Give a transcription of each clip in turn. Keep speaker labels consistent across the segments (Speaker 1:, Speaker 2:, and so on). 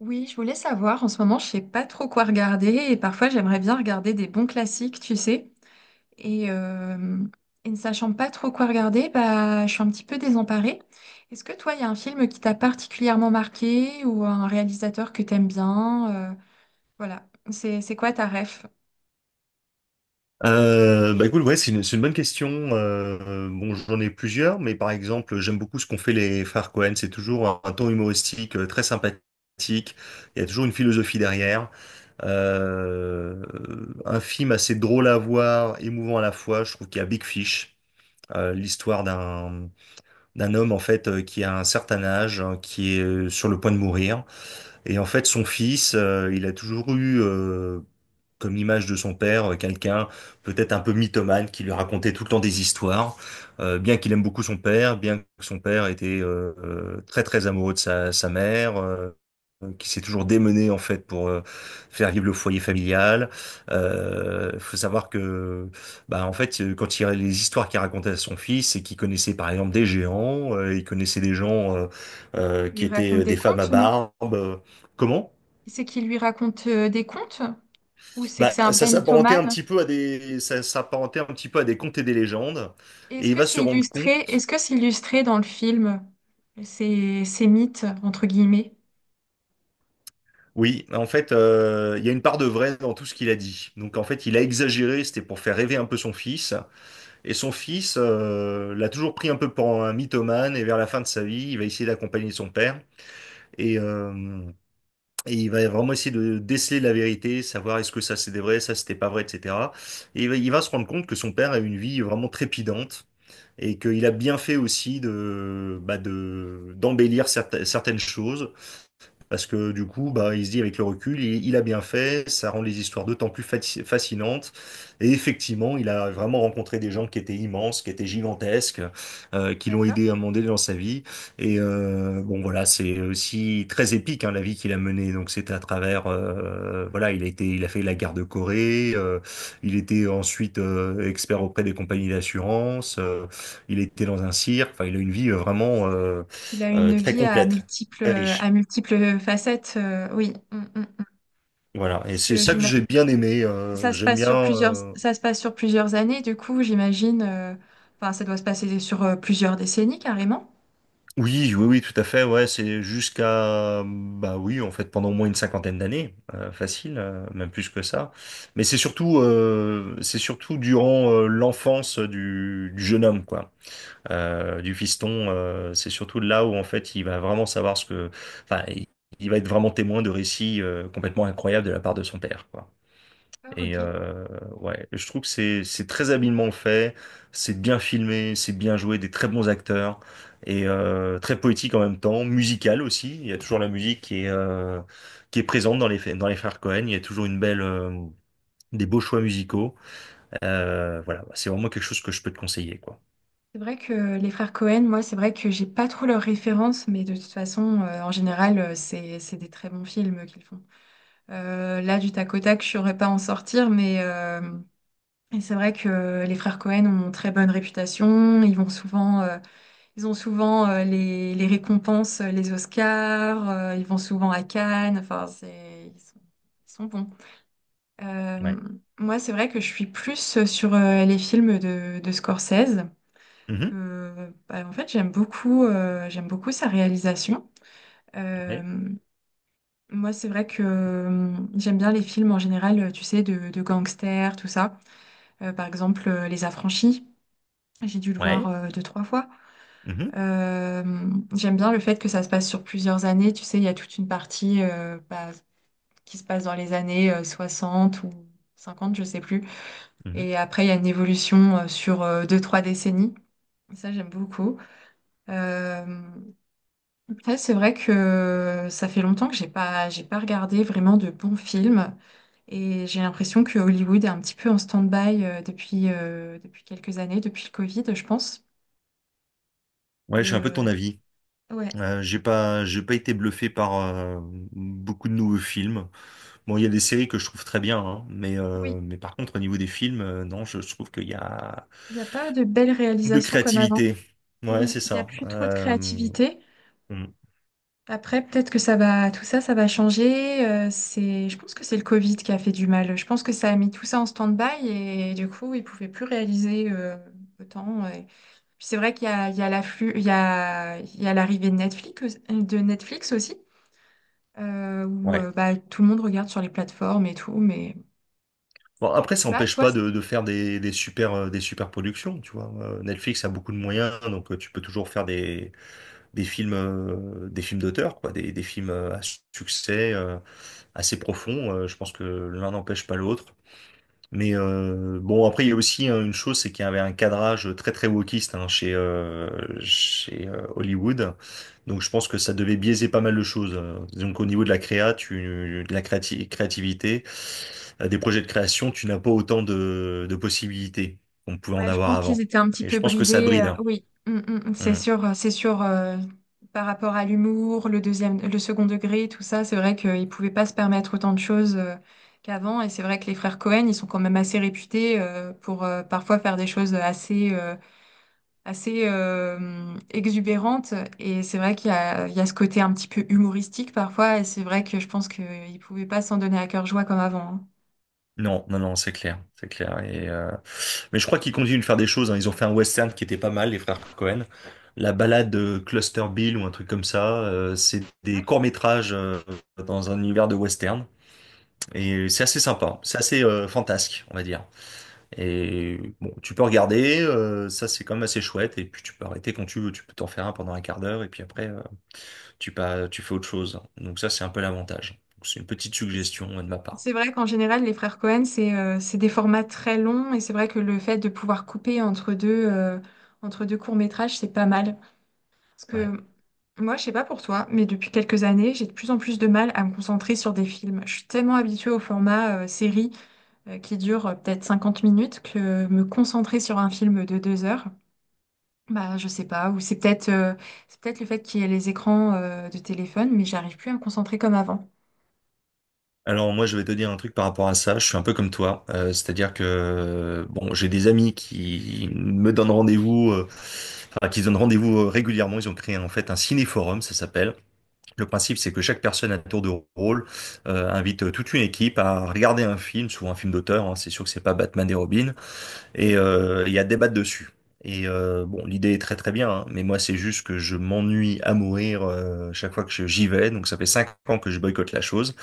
Speaker 1: Oui, je voulais savoir, en ce moment, je sais pas trop quoi regarder et parfois j'aimerais bien regarder des bons classiques, tu sais. Et, euh, et ne sachant pas trop quoi regarder, bah, je suis un petit peu désemparée. Est-ce que toi, il y a un film qui t'a particulièrement marqué ou un réalisateur que t'aimes bien? Voilà, c'est quoi ta ref?
Speaker 2: Bah écoute, ouais, c'est une bonne question. Bon, j'en ai plusieurs, mais par exemple, j'aime beaucoup ce qu'ont fait les frères Cohen. C'est toujours un ton humoristique, très sympathique. Il y a toujours une philosophie derrière. Euh, un film assez drôle à voir, émouvant à la fois. Je trouve qu'il y a Big Fish, l'histoire d'un homme en fait, qui a un certain âge, hein, qui est, sur le point de mourir, et en fait son fils, il a toujours eu, comme l'image de son père, quelqu'un peut-être un peu mythomane qui lui racontait tout le temps des histoires. Bien qu'il aime beaucoup son père, bien que son père était, très très amoureux de sa mère, qui s'est toujours démené en fait pour faire vivre le foyer familial. Faut savoir que bah en fait, quand il les histoires qu'il racontait à son fils, c'est qu'il connaissait par exemple des géants, il connaissait des gens,
Speaker 1: Il lui
Speaker 2: qui étaient
Speaker 1: raconte des
Speaker 2: des femmes à
Speaker 1: contes, non?
Speaker 2: barbe. Comment?
Speaker 1: C'est qu'il lui raconte des contes ou c'est que
Speaker 2: Bah,
Speaker 1: c'est un vrai mythomane?
Speaker 2: ça s'apparentait un petit peu à des contes et des légendes,
Speaker 1: Et
Speaker 2: et
Speaker 1: est-ce
Speaker 2: il
Speaker 1: que
Speaker 2: va se
Speaker 1: c'est
Speaker 2: rendre
Speaker 1: illustré?
Speaker 2: compte,
Speaker 1: Est-ce que c'est illustré dans le film, ces, ces mythes, entre guillemets?
Speaker 2: oui, en fait, il y a une part de vrai dans tout ce qu'il a dit. Donc en fait, il a exagéré, c'était pour faire rêver un peu son fils, et son fils, l'a toujours pris un peu pour un mythomane, et vers la fin de sa vie, il va essayer d'accompagner son père, et, euh, et il va vraiment essayer de déceler la vérité, savoir est-ce que ça c'était vrai, ça c'était pas vrai, etc. Et il va se rendre compte que son père a eu une vie vraiment trépidante, et qu'il a bien fait aussi d'embellir certaines choses, parce que du coup, bah, il se dit avec le recul, il a bien fait, ça rend les histoires d'autant plus fascinantes. Et effectivement, il a vraiment rencontré des gens qui étaient immenses, qui étaient gigantesques, qui l'ont
Speaker 1: D'accord.
Speaker 2: aidé à monter dans sa vie. Et, bon, voilà, c'est aussi très épique hein, la vie qu'il a menée. Donc c'était à travers, voilà, il a fait la guerre de Corée. Il était ensuite, expert auprès des compagnies d'assurance. Il était dans un cirque. Enfin, il a une vie, vraiment euh,
Speaker 1: Qu'il a
Speaker 2: euh,
Speaker 1: une
Speaker 2: très
Speaker 1: vie
Speaker 2: complète, très riche.
Speaker 1: à multiples facettes. Oui. Mm, mm, mm.
Speaker 2: Voilà, et
Speaker 1: Parce
Speaker 2: c'est
Speaker 1: que
Speaker 2: ça que j'ai bien aimé.
Speaker 1: ça se
Speaker 2: J'aime
Speaker 1: passe
Speaker 2: bien.
Speaker 1: sur plusieurs,
Speaker 2: euh,
Speaker 1: ça se passe sur plusieurs années. Du coup, j'imagine, enfin, ça doit se passer sur plusieurs décennies carrément.
Speaker 2: Oui, oui, oui, tout à fait. Ouais, c'est jusqu'à bah oui, en fait, pendant au moins une cinquantaine d'années, facile, même plus que ça. Mais c'est surtout durant l'enfance du jeune homme, quoi, du fiston. C'est surtout là où en fait, il va vraiment savoir ce que, enfin, il va être vraiment témoin de récits, complètement incroyables de la part de son père, quoi.
Speaker 1: D'accord,
Speaker 2: Et
Speaker 1: ok.
Speaker 2: euh, ouais, je trouve que c'est très habilement fait, c'est bien filmé, c'est bien joué, des très bons acteurs et, très poétique en même temps, musical aussi. Il y a toujours la musique qui est présente dans les frères Cohen. Il y a toujours une belle des beaux choix musicaux. Voilà, c'est vraiment quelque chose que je peux te conseiller quoi.
Speaker 1: C'est vrai que les frères Cohen, moi, c'est vrai que j'ai pas trop leurs références, mais de toute façon, en général, c'est des très bons films qu'ils font. Là, du tac au tac, je saurais pas en sortir, mais et c'est vrai que les frères Cohen ont une très bonne réputation. Ils vont souvent ils ont souvent les récompenses, les Oscars, ils vont souvent à Cannes, enfin, c'est, ils sont bons. Euh,
Speaker 2: Ouais.
Speaker 1: Moi, c'est vrai que je suis plus sur les films de Scorsese,
Speaker 2: Mhm.
Speaker 1: que bah, en fait, j'aime beaucoup sa réalisation. Euh,
Speaker 2: Ouais.
Speaker 1: Moi, c'est vrai que j'aime bien les films en général, tu sais, de gangsters, tout ça. Par exemple, Les Affranchis, j'ai dû le voir
Speaker 2: Ouais.
Speaker 1: deux, trois fois.
Speaker 2: Mhm.
Speaker 1: Euh, J'aime bien le fait que ça se passe sur plusieurs années. Tu sais, il y a toute une partie bah, qui se passe dans les années 60 ou 50, je sais plus.
Speaker 2: Mhm.
Speaker 1: Et après, il y a une évolution sur deux, trois décennies. Ça, j'aime beaucoup. Euh, Après, c'est vrai que ça fait longtemps que j'ai pas regardé vraiment de bons films. Et j'ai l'impression que Hollywood est un petit peu en stand-by depuis, depuis quelques années, depuis le Covid, je pense.
Speaker 2: Ouais, je suis
Speaker 1: Et
Speaker 2: un peu de
Speaker 1: euh,
Speaker 2: ton avis.
Speaker 1: ouais.
Speaker 2: J'ai pas été bluffé par beaucoup de nouveaux films. Bon, il y a des séries que je trouve très bien, hein,
Speaker 1: Oui.
Speaker 2: mais par contre, au niveau des films, non, je trouve qu'il y a
Speaker 1: Il n'y a pas de belles
Speaker 2: de
Speaker 1: réalisations comme avant.
Speaker 2: créativité. Ouais,
Speaker 1: Oui,
Speaker 2: c'est
Speaker 1: il n'y a
Speaker 2: ça.
Speaker 1: plus trop de créativité.
Speaker 2: Mm,
Speaker 1: Après, peut-être que ça va, tout ça, ça va changer. C'est, je pense que c'est le Covid qui a fait du mal. Je pense que ça a mis tout ça en stand-by et du coup, ils ne pouvaient plus réaliser autant. Et puis c'est vrai qu'il y a, il y a l'afflux, il y a l'arrivée de Netflix aussi, où
Speaker 2: ouais.
Speaker 1: bah, tout le monde regarde sur les plateformes et tout. Mais
Speaker 2: Bon, après,
Speaker 1: je sais
Speaker 2: ça
Speaker 1: pas,
Speaker 2: n'empêche
Speaker 1: toi.
Speaker 2: pas de faire des super productions, tu vois. Netflix a beaucoup de moyens, donc, tu peux toujours faire des films d'auteur, quoi, des films, à succès, assez profonds. Je pense que l'un n'empêche pas l'autre. Mais, bon, après, il y a aussi hein, une chose, c'est qu'il y avait un cadrage très très wokiste hein, chez Hollywood. Donc je pense que ça devait biaiser pas mal de choses. Donc au niveau de de la créativité, des projets de création, tu n'as pas autant de possibilités qu'on pouvait en
Speaker 1: Ouais, je
Speaker 2: avoir
Speaker 1: pense qu'ils
Speaker 2: avant.
Speaker 1: étaient un petit
Speaker 2: Et
Speaker 1: peu
Speaker 2: je pense que ça
Speaker 1: bridés.
Speaker 2: bride, hein.
Speaker 1: Oui. Mm, mm, mm, c'est
Speaker 2: Mm.
Speaker 1: sûr, c'est sûr. Par rapport à l'humour, le deuxième, le second degré, tout ça, c'est vrai qu'ils pouvaient pas se permettre autant de choses qu'avant. Et c'est vrai que les frères Cohen, ils sont quand même assez réputés pour parfois faire des choses assez, assez exubérantes. Et c'est vrai qu'il y a, il y a ce côté un petit peu humoristique parfois. Et c'est vrai que je pense qu'ils pouvaient pas s'en donner à cœur joie comme avant, hein.
Speaker 2: Non, non, non, c'est clair, c'est clair. Mais je crois qu'ils continuent de faire des choses, hein. Ils ont fait un western qui était pas mal, les frères Cohen. La balade Cluster Bill ou un truc comme ça. C'est des courts-métrages, dans un univers de western. Et c'est assez sympa. C'est assez, fantasque, on va dire. Et bon, tu peux regarder. Ça, c'est quand même assez chouette. Et puis tu peux arrêter quand tu veux. Tu peux t'en faire un pendant un quart d'heure. Et puis après, tu pas, tu fais autre chose. Donc ça, c'est un peu l'avantage. Donc, c'est une petite
Speaker 1: Oui.
Speaker 2: suggestion de ma part.
Speaker 1: C'est vrai qu'en général, les frères Cohen, c'est des formats très longs et c'est vrai que le fait de pouvoir couper entre deux courts-métrages, c'est pas mal. Parce
Speaker 2: Ouais.
Speaker 1: que moi, je sais pas pour toi, mais depuis quelques années, j'ai de plus en plus de mal à me concentrer sur des films. Je suis tellement habituée au format série qui dure peut-être 50 minutes que me concentrer sur un film de deux heures, bah, je sais pas. Ou c'est peut-être c'est peut-être le fait qu'il y ait les écrans de téléphone, mais j'arrive plus à me concentrer comme avant.
Speaker 2: Alors moi je vais te dire un truc par rapport à ça, je suis un peu comme toi. C'est-à-dire que bon j'ai des amis qui me donnent rendez-vous, enfin qui se donnent rendez-vous régulièrement, ils ont créé en fait un ciné-forum, ça s'appelle. Le principe c'est que chaque personne à tour de rôle, invite toute une équipe à regarder un film, souvent un film d'auteur, hein. C'est sûr que c'est pas Batman et Robin, et
Speaker 1: Oui.
Speaker 2: euh, il y a débat dessus. Bon, l'idée est très très bien, hein, mais moi c'est juste que je m'ennuie à mourir chaque fois que j'y vais. Donc ça fait 5 ans que je boycotte la chose.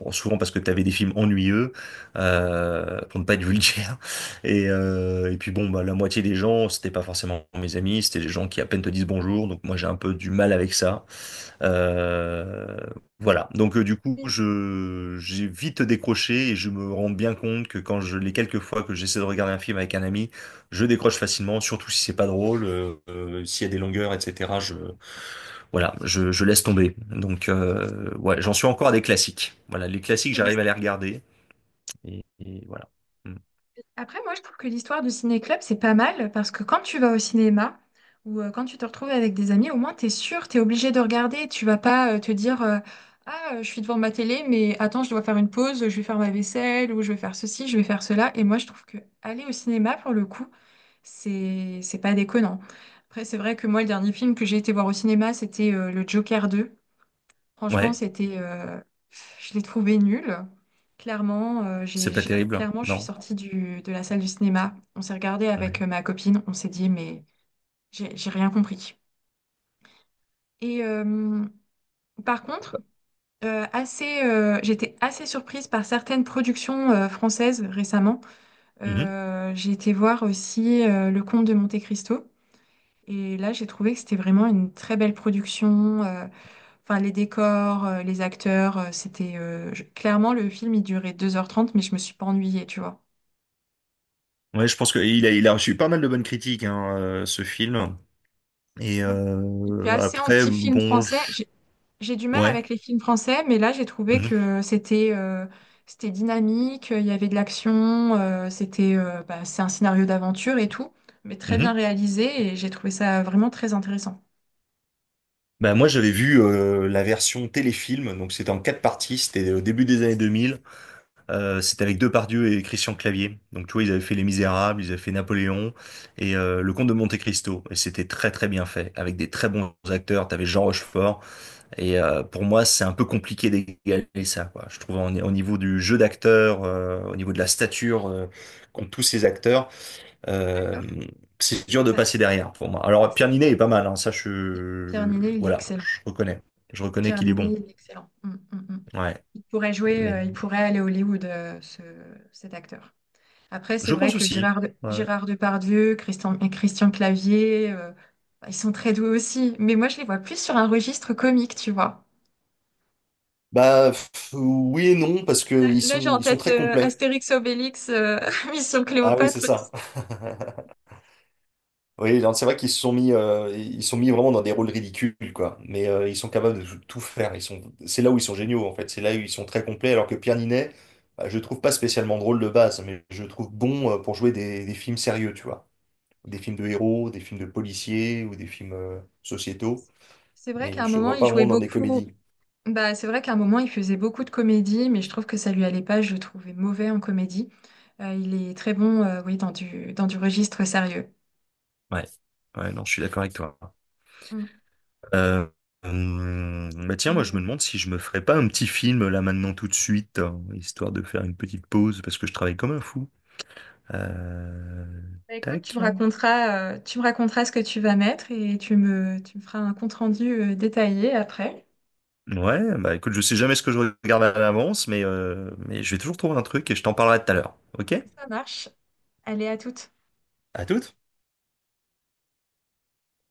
Speaker 2: Bon, souvent parce que tu avais des films ennuyeux, pour ne pas être vulgaire. Et puis bon, bah, la moitié des gens, c'était pas forcément mes amis, c'était des gens qui à peine te disent bonjour. Donc moi j'ai un peu du mal avec ça. Euh, voilà, donc du coup, je j'ai vite décroché et je me rends bien compte que quand je les quelques fois que j'essaie de regarder un film avec un ami, je décroche facilement, surtout si c'est pas drôle, s'il y a des longueurs, etc. Je Voilà, je laisse tomber. Donc, ouais, j'en suis encore à des classiques. Voilà, les classiques,
Speaker 1: Oui.
Speaker 2: j'arrive à les regarder et voilà. Mm.
Speaker 1: Après, moi, je trouve que l'histoire du ciné-club, c'est pas mal parce que quand tu vas au cinéma ou quand tu te retrouves avec des amis, au moins, t'es sûr, t'es obligé de regarder. Tu vas pas te dire ah, je suis devant ma télé, mais attends, je dois faire une pause, je vais faire ma vaisselle ou je vais faire ceci, je vais faire cela. Et moi, je trouve que aller au cinéma, pour le coup, c'est pas déconnant. Après, c'est vrai que moi, le dernier film que j'ai été voir au cinéma, c'était le Joker 2. Franchement,
Speaker 2: Ouais,
Speaker 1: c'était, je l'ai trouvé nul. Clairement,
Speaker 2: c'est pas terrible, hein.
Speaker 1: clairement, je suis
Speaker 2: Non.
Speaker 1: sortie du, de la salle du cinéma. On s'est regardé avec
Speaker 2: Ouais.
Speaker 1: ma copine. On s'est dit, mais j'ai rien compris. Et euh, Par contre, j'étais assez surprise par certaines productions françaises récemment.
Speaker 2: Mhm.
Speaker 1: J'ai été voir aussi Le Comte de Monte-Cristo. Et là, j'ai trouvé que c'était vraiment une très belle production. Enfin, les décors, les acteurs, c'était... Clairement, le film, il durait deux heures trente, mais je me suis pas ennuyée, tu vois.
Speaker 2: Ouais, je pense que il a reçu pas mal de bonnes critiques hein, ce film. Et
Speaker 1: Je suis
Speaker 2: euh,
Speaker 1: assez
Speaker 2: après,
Speaker 1: anti-film
Speaker 2: bon,
Speaker 1: français. J'ai du mal
Speaker 2: ouais.
Speaker 1: avec les films français, mais là, j'ai trouvé que c'était c'était dynamique, il y avait de l'action, c'était bah, c'est un scénario d'aventure et tout, mais très bien
Speaker 2: Mhm.
Speaker 1: réalisé, et j'ai trouvé ça vraiment très intéressant.
Speaker 2: Bah, moi, j'avais vu la version téléfilm, donc c'était en quatre parties, c'était au début des années 2000. C'était avec Depardieu et Christian Clavier. Donc, tu vois, ils avaient fait Les Misérables, ils avaient fait Napoléon et, Le Comte de Monte-Cristo. Et c'était très, très bien fait, avec des très bons acteurs. T'avais Jean Rochefort. Et, pour moi, c'est un peu compliqué d'égaler ça, quoi. Je trouve au niveau du jeu d'acteur, au niveau de la stature qu'ont tous ces acteurs. Euh,
Speaker 1: D'accord.
Speaker 2: c'est dur de
Speaker 1: Bah,
Speaker 2: passer derrière pour moi. Alors, Pierre
Speaker 1: c'est-
Speaker 2: Ninet est pas mal, hein,
Speaker 1: Pierre Ninet, il est
Speaker 2: voilà,
Speaker 1: excellent.
Speaker 2: je reconnais. Je reconnais
Speaker 1: Pierre
Speaker 2: qu'il est bon.
Speaker 1: Niney, il est excellent. Mm, mm, mm.
Speaker 2: Ouais,
Speaker 1: Il pourrait jouer,
Speaker 2: mais
Speaker 1: il pourrait aller à Hollywood, cet acteur. Après, c'est
Speaker 2: je
Speaker 1: vrai
Speaker 2: pense
Speaker 1: que
Speaker 2: aussi. Ouais.
Speaker 1: Gérard Depardieu, et Christian Clavier, bah, ils sont très doués aussi. Mais moi, je les vois plus sur un registre comique, tu vois.
Speaker 2: Bah pff, oui et non, parce qu'
Speaker 1: Là, j'ai en
Speaker 2: ils sont
Speaker 1: tête
Speaker 2: très complets.
Speaker 1: Astérix Obélix, Mission
Speaker 2: Ah oui,
Speaker 1: Cléopâtre,
Speaker 2: c'est
Speaker 1: tu
Speaker 2: ça.
Speaker 1: sais.
Speaker 2: Oui, non, c'est vrai qu'ils sont mis vraiment dans des rôles ridicules, quoi. Mais, ils sont capables de tout faire. C'est là où ils sont géniaux, en fait. C'est là où ils sont très complets. Alors que Pierre Ninet, bah, je le trouve pas spécialement drôle de base, mais je le trouve bon, pour jouer des films sérieux, tu vois. Des films de héros, des films de policiers ou des films sociétaux,
Speaker 1: C'est vrai
Speaker 2: mais
Speaker 1: qu'à un
Speaker 2: je le
Speaker 1: moment,
Speaker 2: vois
Speaker 1: il
Speaker 2: pas vraiment
Speaker 1: jouait
Speaker 2: dans des
Speaker 1: beaucoup.
Speaker 2: comédies.
Speaker 1: Bah, c'est vrai qu'à un moment, il faisait beaucoup de comédie, mais je trouve que ça lui allait pas. Je le trouvais mauvais en comédie. Il est très bon, oui, dans du registre sérieux.
Speaker 2: Ouais, ouais, non, je suis d'accord avec toi.
Speaker 1: Mm.
Speaker 2: Euh, Bah tiens, moi
Speaker 1: Et,
Speaker 2: je
Speaker 1: euh,
Speaker 2: me demande si je me ferais pas un petit film là maintenant tout de suite, hein, histoire de faire une petite pause parce que je travaille comme un fou. Euh,
Speaker 1: Bah, écoute,
Speaker 2: Tac.
Speaker 1: tu me raconteras ce que tu vas mettre et tu me feras un compte-rendu, détaillé après.
Speaker 2: Ouais, bah écoute, je sais jamais ce que je regarde à l'avance, mais je vais toujours trouver un truc et je t'en parlerai tout à l'heure. Ok?
Speaker 1: Ça marche. Allez, à toutes.
Speaker 2: À toutes.